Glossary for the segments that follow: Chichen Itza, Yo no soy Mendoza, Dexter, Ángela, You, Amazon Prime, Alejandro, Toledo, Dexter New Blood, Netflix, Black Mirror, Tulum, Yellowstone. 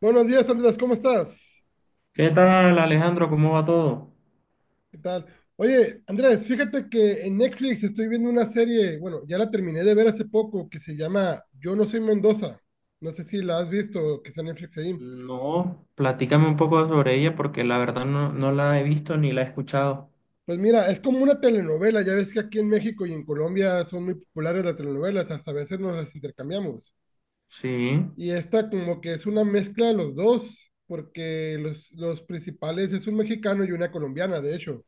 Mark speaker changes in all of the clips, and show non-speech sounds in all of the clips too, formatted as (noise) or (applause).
Speaker 1: Buenos días, Andrés, ¿cómo estás?
Speaker 2: ¿Qué tal, Alejandro? ¿Cómo va todo?
Speaker 1: ¿Qué tal? Oye, Andrés, fíjate que en Netflix estoy viendo una serie, bueno, ya la terminé de ver hace poco, que se llama Yo no soy Mendoza. No sé si la has visto, que está en Netflix ahí.
Speaker 2: No, platícame un poco sobre ella porque la verdad no, no la he visto ni la he escuchado.
Speaker 1: Pues mira, es como una telenovela, ya ves que aquí en México y en Colombia son muy populares las telenovelas, hasta a veces nos las intercambiamos.
Speaker 2: Sí.
Speaker 1: Y esta como que es una mezcla de los dos, porque los principales es un mexicano y una colombiana, de hecho.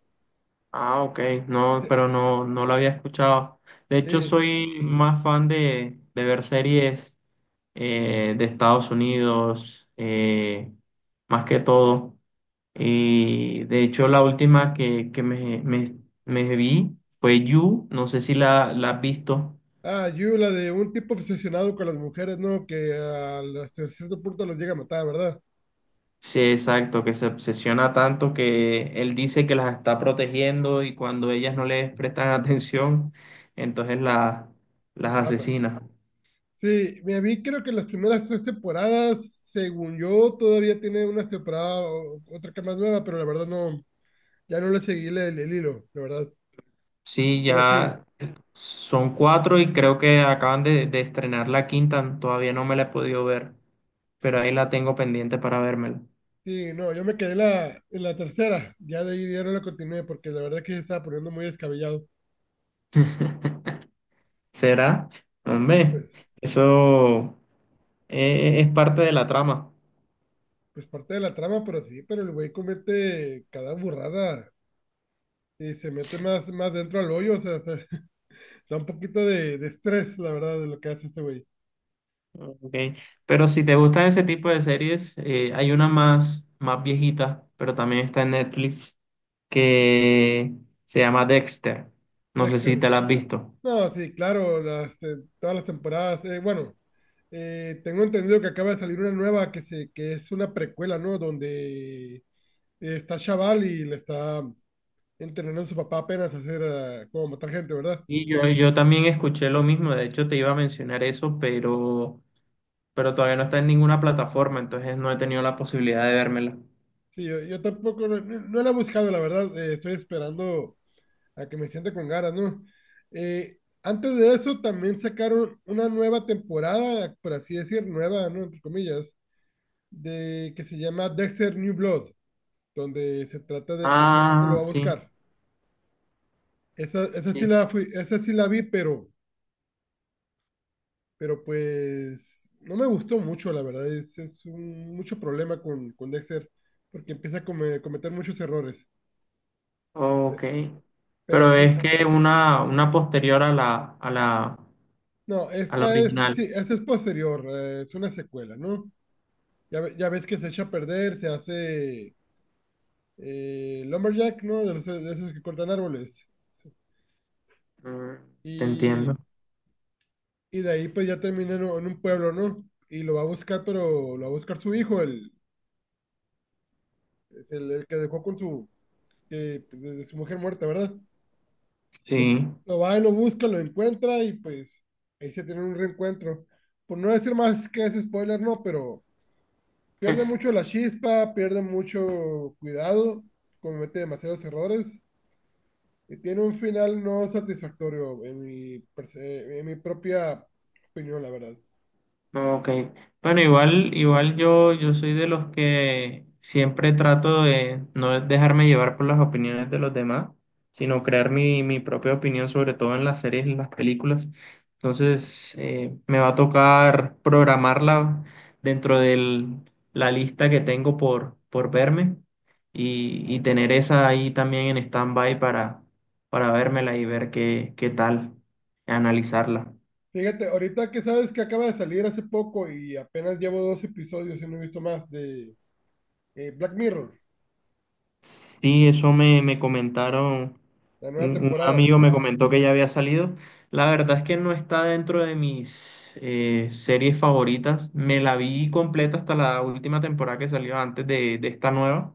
Speaker 2: Ah, ok. No,
Speaker 1: Dice,
Speaker 2: pero no, no la había escuchado. De hecho,
Speaker 1: sí.
Speaker 2: soy más fan de ver series de Estados Unidos, más que todo. Y de hecho, la última que me vi fue You. No sé si la has visto.
Speaker 1: Ah, You, la de un tipo obsesionado con las mujeres, ¿no? Hasta cierto punto los llega a matar, ¿verdad?
Speaker 2: Sí, exacto, que se obsesiona tanto que él dice que las está protegiendo y cuando ellas no les prestan (laughs) atención, entonces las
Speaker 1: Los mata.
Speaker 2: asesina.
Speaker 1: Sí, me vi creo que las primeras tres temporadas, según yo, todavía tiene una temporada, otra que más nueva, pero la verdad no, ya no le seguí el hilo, la verdad.
Speaker 2: Sí,
Speaker 1: Pero sí,
Speaker 2: ya son cuatro y creo que acaban de estrenar la quinta, todavía no me la he podido ver, pero ahí la tengo pendiente para vérmela.
Speaker 1: sí, no, yo me quedé en la tercera, ya de ahí ya no la continué, porque la verdad que se estaba poniendo muy descabellado.
Speaker 2: (laughs) ¿Será? Hombre,
Speaker 1: Pues,
Speaker 2: eso es parte de la trama.
Speaker 1: pues parte de la trama, pero sí, pero el güey comete cada burrada. Y se mete más, más dentro al hoyo, o sea, (laughs) da un poquito de estrés, la verdad, de lo que hace este güey.
Speaker 2: Ok, pero si te gustan ese tipo de series, hay una más viejita, pero también está en Netflix, que se llama Dexter. No sé si
Speaker 1: Dexter.
Speaker 2: te la has visto.
Speaker 1: No, sí, claro, las, todas las temporadas. Bueno, tengo entendido que acaba de salir una nueva que, se, que es una precuela, ¿no? Donde está Chaval y le está entrenando a su papá apenas a hacer, ah, como matar gente, ¿verdad?
Speaker 2: Y yo también escuché lo mismo, de hecho te iba a mencionar eso, pero todavía no está en ninguna plataforma, entonces no he tenido la posibilidad de vérmela.
Speaker 1: Sí, yo tampoco, no, no la he buscado, la verdad. Estoy esperando a que me siente con ganas, ¿no? Antes de eso también sacaron una nueva temporada, por así decir, nueva, ¿no? Entre comillas, de que se llama Dexter New Blood, donde se trata de que su hijo lo
Speaker 2: Ah,
Speaker 1: va a
Speaker 2: sí.
Speaker 1: buscar. Esa sí
Speaker 2: Sí,
Speaker 1: la fui, esa sí la vi, pero pues no me gustó mucho, la verdad. Es un, mucho problema con Dexter, porque empieza a cometer muchos errores.
Speaker 2: ok.
Speaker 1: Pero,
Speaker 2: Pero
Speaker 1: y,
Speaker 2: es que una posterior a la, a la,
Speaker 1: no,
Speaker 2: a la
Speaker 1: esta es, sí,
Speaker 2: original.
Speaker 1: esta es posterior, es una secuela, ¿no? Ya, ya ves que se echa a perder, se hace Lumberjack, ¿no? De esos que cortan árboles.
Speaker 2: Mm, te
Speaker 1: Y
Speaker 2: entiendo.
Speaker 1: y de ahí pues ya termina en un pueblo, ¿no? Y lo va a buscar, pero lo va a buscar su hijo, el, el que dejó con su, eh, de su mujer muerta, ¿verdad?
Speaker 2: Sí.
Speaker 1: Lo va y lo busca, lo encuentra y pues ahí se tiene un reencuentro. Por no decir más que es spoiler, no, pero pierde mucho la chispa, pierde mucho cuidado, comete demasiados errores y tiene un final no satisfactorio en mi, en mi propia opinión, la verdad.
Speaker 2: Ok. Bueno, igual yo soy de los que siempre trato de no dejarme llevar por las opiniones de los demás, sino crear mi propia opinión, sobre todo en las series y las películas. Entonces, me va a tocar programarla dentro de la lista que tengo por verme y tener esa ahí también en stand-by para vérmela y ver qué tal, analizarla.
Speaker 1: Fíjate, ahorita que sabes que acaba de salir hace poco y apenas llevo dos episodios y no he visto más de Black Mirror,
Speaker 2: Sí, eso me comentaron,
Speaker 1: la
Speaker 2: un,
Speaker 1: nueva
Speaker 2: un
Speaker 1: temporada.
Speaker 2: amigo me comentó que ya había salido. La verdad es que no está dentro de mis series favoritas. Me la vi completa hasta la última temporada que salió antes de esta nueva,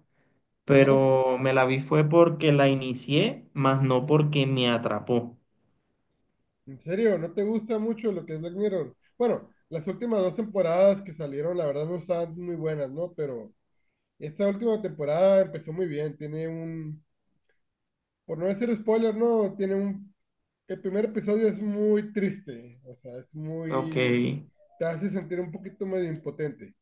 Speaker 1: Ajá.
Speaker 2: pero me la vi fue porque la inicié, más no porque me atrapó.
Speaker 1: ¿En serio? ¿No te gusta mucho lo que es Black Mirror? Bueno, las últimas dos temporadas que salieron, la verdad, no estaban muy buenas, ¿no? Pero esta última temporada empezó muy bien. Tiene un, por no decir spoiler, ¿no? Tiene un, el primer episodio es muy triste, o sea, es
Speaker 2: Ok.
Speaker 1: muy, te hace sentir un poquito medio impotente,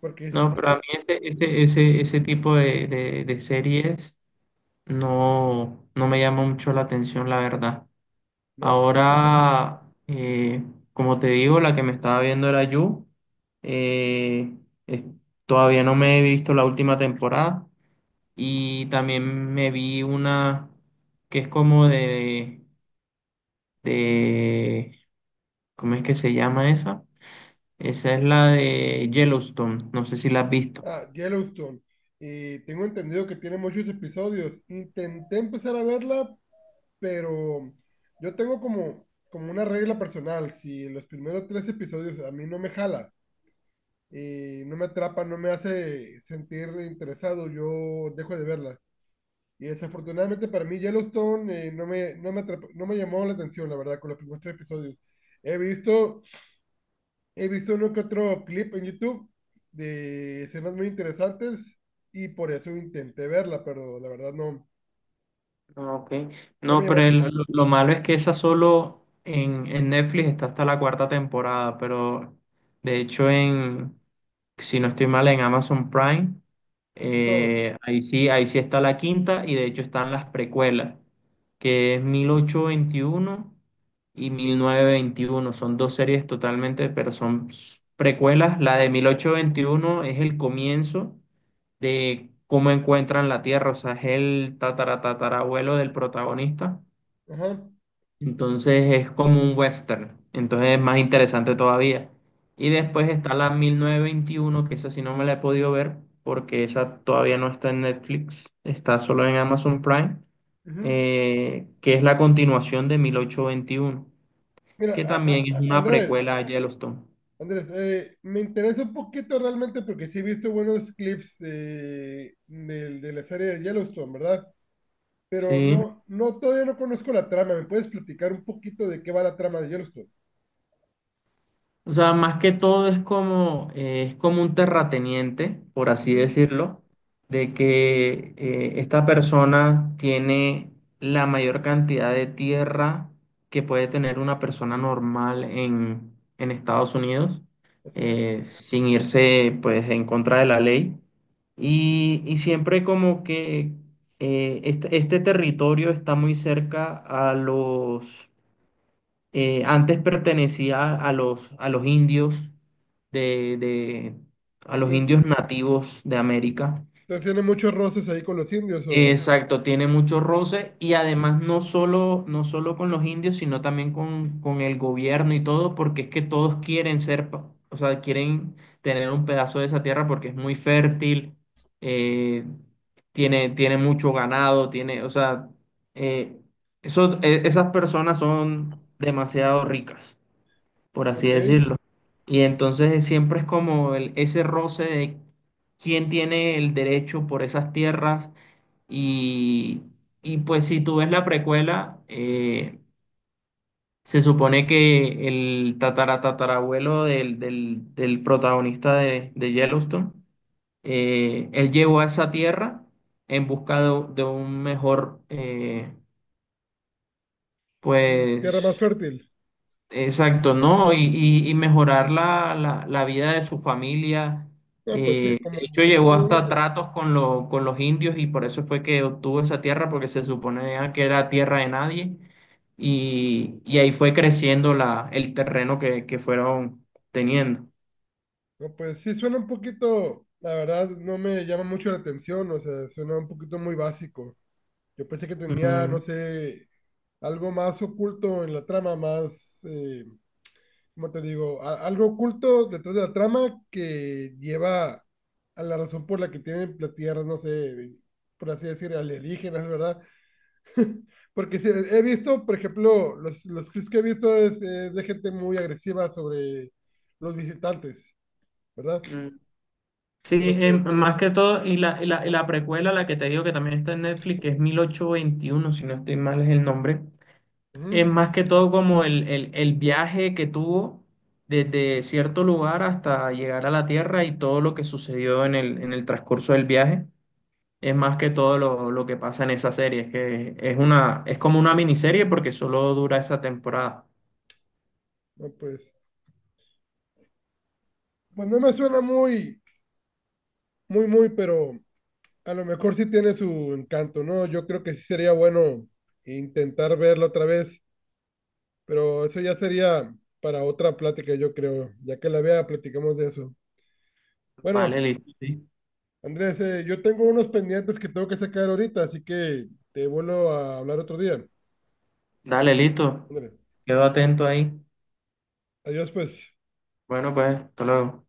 Speaker 1: porque se
Speaker 2: No, pero a
Speaker 1: acerca,
Speaker 2: mí ese tipo de series no, no me llama mucho la atención, la verdad.
Speaker 1: ¿no?
Speaker 2: Ahora, como te digo, la que me estaba viendo era You. Eh, es- Todavía no me he visto la última temporada y también me vi una que es como de, ¿cómo es que se llama esa? Esa es la de Yellowstone, no sé si la has visto.
Speaker 1: Ah, Yellowstone. Y tengo entendido que tiene muchos episodios. Intenté empezar a verla, pero yo tengo como, como una regla personal. Si los primeros tres episodios a mí no me jala, y no me atrapa, no me hace sentir interesado, yo dejo de verla. Y desafortunadamente para mí Yellowstone no me, no me llamó la atención, la verdad, con los primeros tres episodios. He visto He visto uno que otro clip en YouTube de escenas muy interesantes y por eso intenté verla, pero la verdad no,
Speaker 2: Ah, ok.
Speaker 1: no me
Speaker 2: No, pero
Speaker 1: llamaste.
Speaker 2: lo malo es que esa solo en Netflix está hasta la cuarta temporada, pero de hecho en, si no estoy mal, en Amazon Prime,
Speaker 1: Está todo.
Speaker 2: ahí sí está la quinta y de hecho están las precuelas, que es 1821 y 1921. Son dos series totalmente, pero son precuelas. La de 1821 es el comienzo de cómo encuentran la Tierra, o sea, es el tataratatarabuelo del protagonista,
Speaker 1: Ajá.
Speaker 2: entonces es como un western, entonces es más interesante todavía. Y después está la 1921 que esa sí no me la he podido ver, porque esa todavía no está en Netflix, está solo en Amazon Prime,
Speaker 1: Ujú.
Speaker 2: que es la continuación de 1821
Speaker 1: Mira,
Speaker 2: que también es una
Speaker 1: Andrés,
Speaker 2: precuela a Yellowstone.
Speaker 1: Andrés, me interesa un poquito realmente porque sí he visto buenos clips de, de la serie de Yellowstone, ¿verdad? Pero
Speaker 2: Sí.
Speaker 1: no, no, todavía no conozco la trama. ¿Me puedes platicar un poquito de qué va la trama de Yellowstone?
Speaker 2: O sea, más que todo es como un terrateniente, por así
Speaker 1: Ujú,
Speaker 2: decirlo, de que esta persona tiene la mayor cantidad de tierra que puede tener una persona normal en Estados Unidos,
Speaker 1: así es.
Speaker 2: sin irse pues en contra de la ley. Y siempre como que este territorio está muy cerca a los antes pertenecía a los indios de, de- a los
Speaker 1: Entonces,
Speaker 2: indios nativos de América.
Speaker 1: entonces tiene muchos roces ahí con los indios o...
Speaker 2: Exacto, tiene mucho roce y además no solo con los indios, sino también con el gobierno y todo, porque es que todos quieren o sea, quieren tener un pedazo de esa tierra porque es muy fértil, eh, tiene mucho ganado, o sea, eh, esas personas son demasiado ricas por así
Speaker 1: Ok,
Speaker 2: decirlo. Y entonces siempre es como ese roce de quién tiene el derecho por esas tierras y, y pues si tú ves la precuela, se supone que el tataratatarabuelo del protagonista de Yellowstone, él llegó a esa tierra en busca de un mejor,
Speaker 1: mm, tierra
Speaker 2: pues.
Speaker 1: más fértil.
Speaker 2: Exacto, ¿no? Y mejorar la vida de su familia.
Speaker 1: No, pues sí,
Speaker 2: De
Speaker 1: como,
Speaker 2: hecho,
Speaker 1: como
Speaker 2: llegó
Speaker 1: todo
Speaker 2: hasta
Speaker 1: mundo.
Speaker 2: tratos con los indios y por eso fue que obtuvo esa tierra, porque se suponía que era tierra de nadie. Y ahí fue creciendo la, el terreno que fueron teniendo.
Speaker 1: No, pues sí, suena un poquito, la verdad, no me llama mucho la atención, o sea, suena un poquito muy básico. Yo pensé que tenía,
Speaker 2: Mm,
Speaker 1: no sé, algo más oculto en la trama, más, ¿cómo te digo? Algo oculto detrás de la trama que lleva a la razón por la que tienen la tierra, no sé, por así decir, alienígenas, ¿verdad? Porque sí, he visto, por ejemplo, los clips que he visto es de gente muy agresiva sobre los visitantes, ¿verdad?
Speaker 2: mm. Sí,
Speaker 1: Pero pues,
Speaker 2: más que todo, y la precuela, la que te digo que también está en Netflix, que es mil ochocientos veintiuno si no estoy mal es el nombre.
Speaker 1: ujú,
Speaker 2: Es más que todo como el viaje que tuvo desde cierto lugar hasta llegar a la Tierra y todo lo que sucedió en el transcurso del viaje. Es más que todo lo que pasa en esa serie. Es que es como una miniserie porque solo dura esa temporada.
Speaker 1: no, pues, pues no me suena muy, muy, muy, pero a lo mejor sí tiene su encanto, ¿no? Yo creo que sí sería bueno intentar verlo otra vez, pero eso ya sería para otra plática, yo creo. Ya que la vea, platicamos de eso.
Speaker 2: Vale,
Speaker 1: Bueno,
Speaker 2: listo. Sí.
Speaker 1: Andrés, yo tengo unos pendientes que tengo que sacar ahorita, así que te vuelvo a hablar otro día.
Speaker 2: Dale, listo.
Speaker 1: Ándale.
Speaker 2: Quedo atento ahí.
Speaker 1: Adiós, pues.
Speaker 2: Bueno, pues, hasta luego.